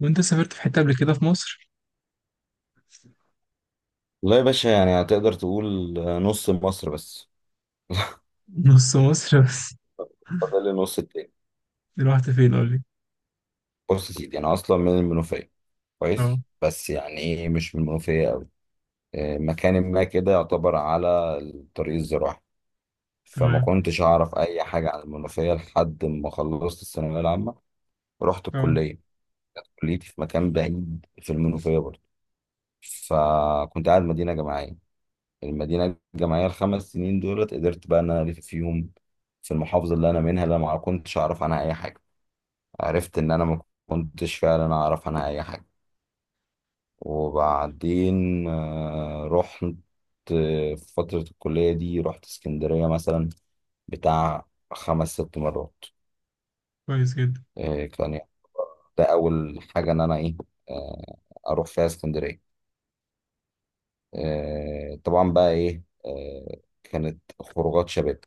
وانت سافرت في حتة قبل كده في مصر؟ والله يا باشا، يعني هتقدر تقول نص مصر بس. نص مصر بس. فاضل النص التاني. رحت فين قول لي؟ بص يا سيدي، انا اصلا من المنوفيه. اه. كويس، بس يعني ايه مش من المنوفيه قوي. مكان ما كده يعتبر على الطريق الزراعي. فما تمام. كنتش اعرف اي حاجه عن المنوفيه لحد ما خلصت الثانويه العامه. ورحت اه. الكليه. كليتي في مكان بعيد في المنوفيه برضه. فكنت قاعد مدينه جامعيه. المدينه الجامعيه ال5 سنين دولت، قدرت بقى ان انا الف فيهم في المحافظه اللي انا منها، اللي أنا ما كنتش اعرف عنها اي حاجه. عرفت ان انا ما كنتش فعلا اعرف عنها اي حاجه. وبعدين رحت. في فتره الكليه دي رحت اسكندريه مثلا بتاع 5 6 مرات. كويس جدا. كان يعني ده اول حاجه ان انا ايه. آه، اروح فيها اسكندريه. طبعا بقى ايه، كانت خروجات شباب،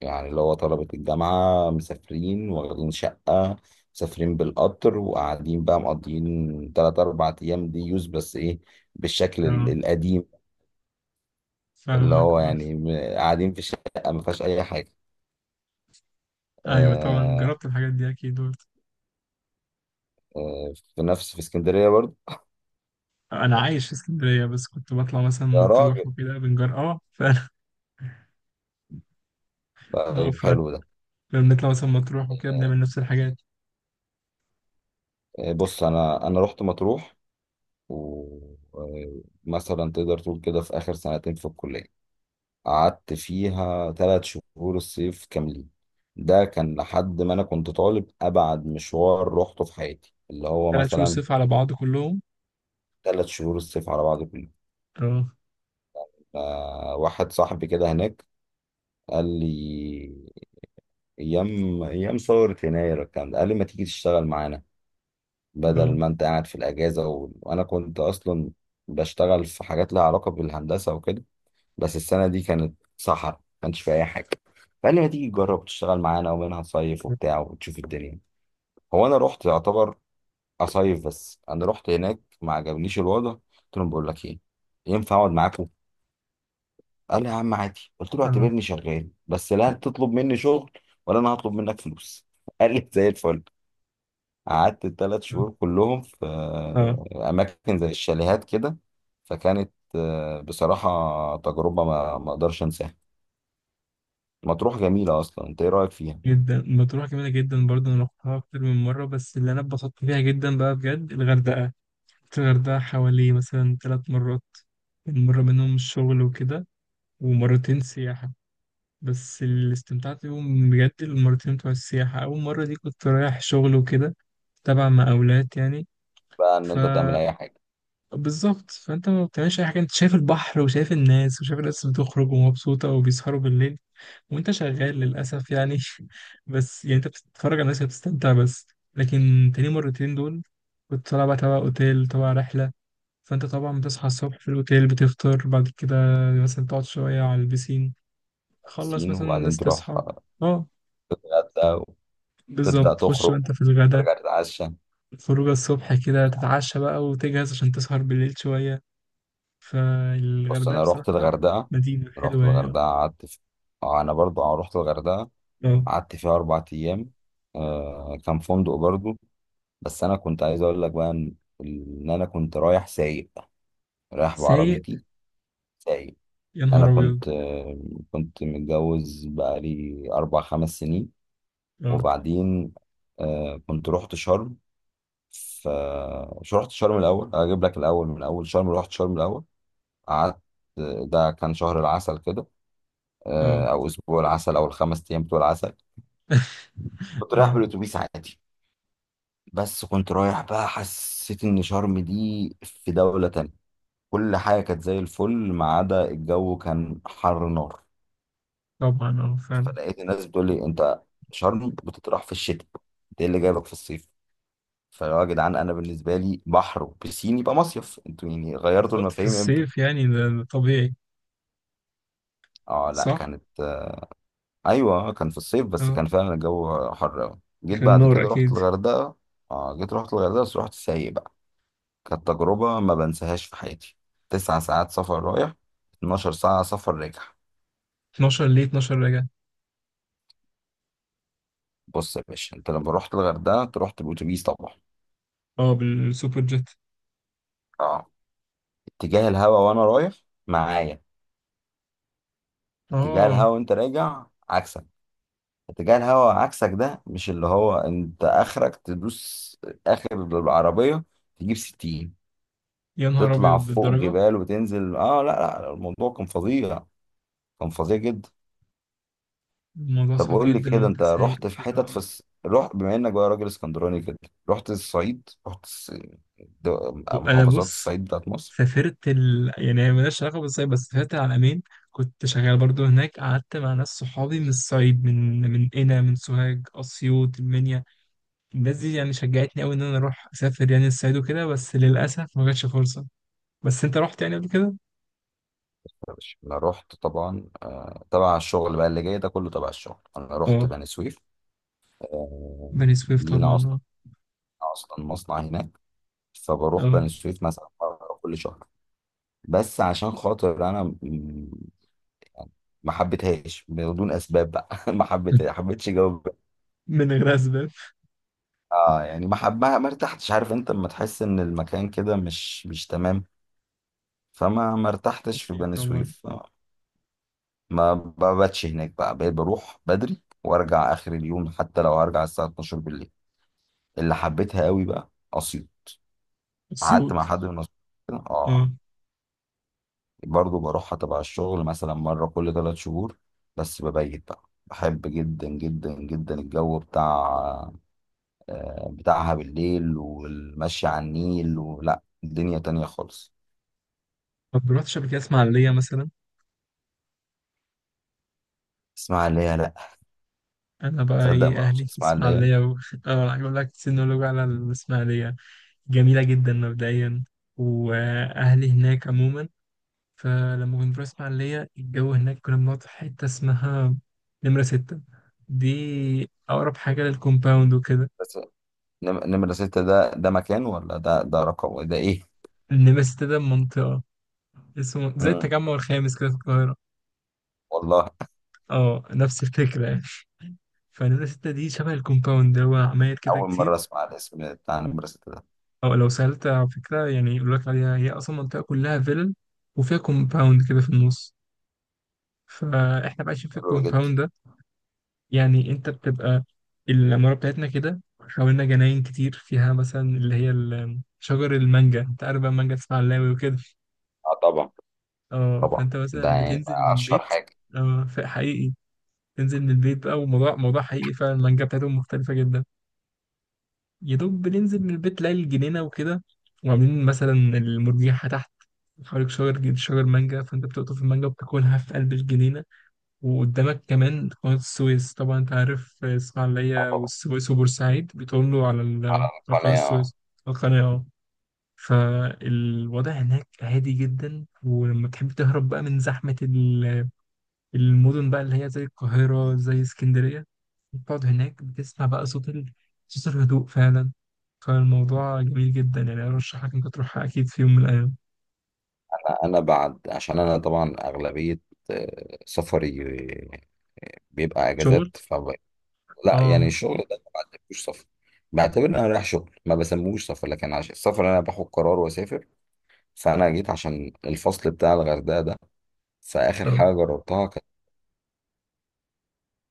يعني اللي هو طلبة الجامعة مسافرين واخدين شقة، مسافرين بالقطر وقاعدين بقى مقضيين 3 4 أيام. دي يوز بس إيه، بالشكل اه. القديم، اللي فاهمك، هو اه. يعني قاعدين في شقة ما فيهاش أي حاجة. ايوه، طبعا آه، جربت الحاجات دي اكيد برضه. في نفس في اسكندرية برضه. انا عايش في اسكندرية، بس كنت بطلع مثلا يا مطروح راجل، وكده بنجر، اه فعلا. اه طيب فعلا. حلو ده. كنا بنطلع مثلا مطروح وكده بنعمل نفس الحاجات. بص أنا رحت مطروح. ومثلا تقدر تقول كده في آخر سنتين في الكلية قعدت فيها 3 شهور الصيف كاملين. ده كان لحد ما أنا كنت طالب أبعد مشوار روحته في حياتي، اللي هو ثلاث شهور مثلا صيف على بعض كلهم؟ 3 شهور الصيف على بعض كله. اه. واحد صاحبي كده هناك قال لي، أيام ثورة يناير الكلام ده، قال لي ما تيجي تشتغل معانا اه. بدل ما أنت قاعد في الأجازة وأنا كنت أصلا بشتغل في حاجات لها علاقة بالهندسة وكده، بس السنة دي كانت صحراء ما كانش فيها أي حاجة. فقال لي ما تيجي تجرب تشتغل معانا ومنها تصيف وبتاع وتشوف الدنيا. هو أنا رحت يعتبر أصيف، بس أنا رحت هناك ما عجبنيش الوضع، قلت لهم بقول لك إيه، ينفع أقعد معاكم؟ قال لي يا عم عادي. قلت له اه. اعتبرني شغال بس لا تطلب مني شغل ولا أنا هطلب منك فلوس. قال لي زي الفل. قعدت الثلاث اه. شهور كلهم في اه، أماكن زي الشاليهات كده. فكانت بصراحة تجربة ما أقدرش أنساها. مطروح جميلة أصلا، أنت إيه رأيك فيها؟ جدا، مطروح جميلة جدا برضه، انا رحتها اكتر من مرة، بس اللي انا اتبسطت فيها جدا بقى بجد الغردقة. الغردقة حوالي مثلا ثلاث مرات. يعني مرة منهم الشغل وكده، ومرتين سياحة. بس اللي استمتعت بيهم بجد المرتين بتوع السياحة. أول مرة دي كنت رايح شغل وكده، تبع مقاولات يعني. بقى إن ف أنت تعمل أي حاجة. بالظبط، فأنت ما بتعملش أي حاجة، أنت شايف البحر وشايف الناس، وشايف الناس بتخرج ومبسوطة وبيسهروا بالليل، وأنت شغال للأسف يعني. بس يعني أنت بتتفرج على الناس وبتستمتع بس. لكن تاني مرتين دول كنت طالع بقى تبع أوتيل، تبع رحلة. فانت طبعا بتصحى الصبح في الاوتيل، بتفطر بعد كده، مثلا تقعد شويه على البسين، خلص سين مثلا وبعدين الناس تروح تصحى. اه، الغردقة بالظبط، وتبدأ تخش بقى تخرج، انت في الغدا. ترجع تتعشى. خروجه الصبح كده، تتعشى بقى وتجهز عشان تسهر بالليل شويه. بص فالغردقه أنا رحت بصراحه الغردقة. مدينه رحت حلوه يعني، اه. الغردقة أنا برضو رحت الغردقة آه. قعدت فيها 4 أيام. كان فندق برضو. بس أنا كنت عايز أقول لك بقى إن أنا كنت رايح سايق، رايح سايق. بعربيتي، سايق. يا أنا نهار ابيض. كنت كنت متجوز بقالي 4 5 سنين. اه. وبعدين كنت رحت شرم. ف مش رحت شرم الاول. اجيب لك الاول. من اول شرم رحت شرم الاول. قعدت. ده كان شهر العسل كده. اه. او اسبوع العسل او ال5 ايام بتوع العسل. كنت رايح اه. بالاتوبيس عادي، بس كنت رايح بقى حسيت ان شرم دي في دولة تانية. كل حاجة كانت زي الفل، ما عدا الجو كان حر نار. طبعا اه فعلا. فلقيت الناس بتقول لي، انت شرم بتطرح في الشتاء، انت ايه اللي جايبك في الصيف؟ فيا جدعان، انا بالنسبه لي بحر وبسين يبقى مصيف، انتوا يعني غيرتوا بالظبط، في المفاهيم امتى؟ الصيف يعني ده طبيعي. اه لا، صح. كانت. ايوه كان في الصيف بس اه، كان فعلا الجو حر قوي. جيت كان بعد نور كده اكيد. رحت الغردقه. اه، جيت رحت الغردقه بس رحت سايق بقى. كانت تجربه ما بنساهاش في حياتي. 9 ساعات سفر رايح، 12 ساعه سفر راجع. 12 ليه؟ 12 رجع؟ بص يا باشا، انت لما رحت الغردقه انت رحت بالاتوبيس طبعا. اه، بالسوبر جيت. اه. اتجاه الهوا وانا رايح معايا، اتجاه الهوا اه، وانت راجع عكسك. اتجاه الهواء عكسك، ده مش اللي هو انت اخرك تدوس اخر العربية تجيب 60؟ يا نهار تطلع ابيض فوق للدرجه. جبال وتنزل. اه لا لا، الموضوع كان فظيع. كان فظيع جدا. الموضوع طب صعب قول لي جدا كده، وانت انت سايق رحت في حتت في وكده. رحت بما انك بقى راجل اسكندراني كده، رحت الصعيد، انا محافظات بص، الصعيد بتاعت مصر؟ سافرت يعني هي مالهاش علاقه بالصيد، بس سافرت العلمين. كنت شغال برضو هناك، قعدت مع ناس صحابي من الصعيد، من قنا، من سوهاج، اسيوط، المنيا. الناس دي يعني شجعتني قوي ان انا اروح اسافر يعني الصعيد وكده، بس للاسف ما جاتش فرصه. بس انت رحت يعني قبل كده؟ يا باشا، انا رحت طبعا تبع الشغل بقى، اللي جاي ده كله تبع الشغل. انا رحت اه. بني سويف. آه، بني سويف لينا طبعا، اه. اصلا مصنع هناك. فبروح اه. بني سويف مثلا مرة كل شهر. بس عشان خاطر انا ما حبيتهاش بدون اسباب بقى. ما حبيتها حبيتش جو. من غير اسباب. اه يعني ما حب ما ما ارتحتش. عارف انت لما تحس ان المكان كده مش تمام. فما ما ارتحتش في اكيد بني طبعا. سويف. ما بباتش هناك بقى، بقيت بروح بدري وارجع اخر اليوم حتى لو هرجع الساعه 12 بالليل. اللي حبيتها قوي بقى اسيوط. قعدت اسيوط. مع حد من اسيوط كده. اه. اه. برضو بروحها تبع الشغل مثلا مرة كل 3 شهور. بس ببيت بقى. بحب جدا جدا جدا الجو بتاع بتاعها بالليل، والمشي على النيل، ولا الدنيا تانية خالص. طب رحتش قبل كده اسماعيليه مثلا؟ اسماعيلية، لا. انا بقى تصدق ايه، ما رحتش اهلي في اسماعيلية؟ اسماعيليه اه، هقول لك سينولوج على الاسماعيليه. جميله جدا مبدئيا، واهلي هناك عموما. فلما كنت بروح اسماعيليه، الجو هناك كنا بنقعد في حته اسمها نمره ستة. دي اقرب حاجه للكومباوند وكده. بس نمرة 6، ده مكان ولا ده رقم؟ ده ايه؟ نمره ستة ده منطقه، اسمه زي مم. التجمع الخامس كده في القاهره. والله، اه، نفس الفكره يعني. فنمره ستة دي شبه الكومباوند، هو عماير كده أول كتير. مرة أسمع الاسم بتاع نمرة 6 ده. أو لو سألت على فكرة يعني، يقول لك عليها هي أصلا منطقة كلها فيلل، وفيها كومباوند كده في النص. فإحنا بقى عايشين في حلو جدا. الكومباوند ده. يعني أنت بتبقى، العمارة بتاعتنا كده، حوالينا جناين كتير، فيها مثلا اللي هي شجر المانجا. أنت عارف بقى المانجا تسمع اللاوي وكده. اه طبعا. أه، طبعا فأنت ده مثلا يعني بتنزل من أشهر البيت. حاجة. أه حقيقي، تنزل من البيت بقى. وموضوع موضوع حقيقي فعلا، المانجا بتاعتهم مختلفة جدا. يا دوب بننزل من البيت، تلاقي الجنينة وكده، وعاملين مثلا المرجيحة تحت، حواليك شجر شجر مانجا، فانت بتقطف المانجا وبتاكلها في قلب الجنينة. وقدامك كمان قناة السويس. طبعا انت عارف اه الإسماعيلية طبعا. والسويس وبورسعيد بيطلوا على على على قناة القناة. السويس، القناة، اه. فالوضع هناك هادي جدا، ولما تحب تهرب بقى من زحمة المدن بقى، اللي هي زي القاهرة، زي اسكندرية، بتقعد هناك، بتسمع بقى صوت صوت الهدوء فعلا. فالموضوع جميل جدا يعني، أرشحك إنك تروحها أكيد في يوم من الأيام. انا بعد عشان انا طبعا اغلبيه سفري بيبقى شغل؟ اجازات. لا آه. يعني الشغل ده ما بعتبروش سفر. بعتبر ان انا رايح شغل ما بسموش سفر، لكن عشان السفر انا باخد قرار واسافر. فانا جيت عشان الفصل بتاع الغردقه ده، فاخر آه. حاجه جربتها كانت،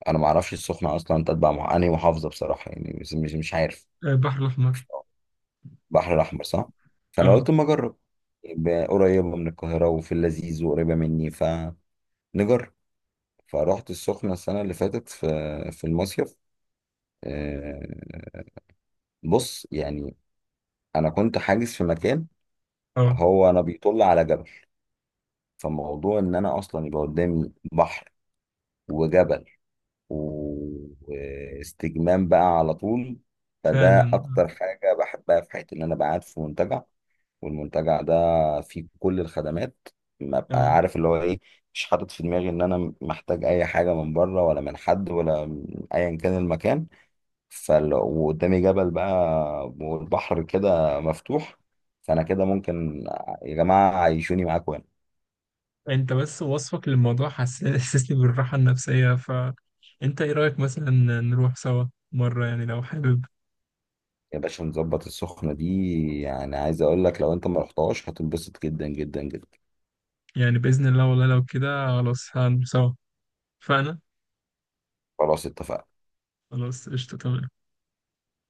انا ما اعرفش السخنه اصلا تتبع مع انهي محافظه بصراحه، يعني مش عارف. البحر الأحمر. البحر الاحمر، صح. فانا آه. قلت اما اجرب، يبقى قريبه من القاهره وفي اللذيذ وقريبه مني، فنجرب. فروحت السخنة السنة اللي فاتت في المصيف. آه، بص يعني، أنا كنت حاجز في مكان، آه هو أنا بيطل على جبل. فموضوع إن أنا أصلا يبقى قدامي بحر وجبل واستجمام بقى على طول. فده فعلا. أكتر حاجة بحبها في حياتي، إن أنا بقعد في منتجع. والمنتجع ده فيه كل الخدمات، ما آه. بقى آه. عارف اللي هو إيه. مش حاطط في دماغي إن أنا محتاج أي حاجة من بره، ولا من حد، ولا من أيا كان المكان. وقدامي جبل بقى، والبحر كده مفتوح. فانا كده ممكن، يا جماعه عيشوني معاكم هنا. أنت بس وصفك للموضوع حسسني بالراحة النفسية. فأنت إيه رأيك مثلا، نروح سوا مرة، يعني لو حابب؟ يا باشا، نظبط السخنه دي، يعني عايز اقول لك لو انت ما رحتهاش هتنبسط جدا جدا جدا. يعني بإذن الله، والله لو كده خلاص هنروح سوا. فأنا خلاص اتفقنا. خلاص قشطة، تمام.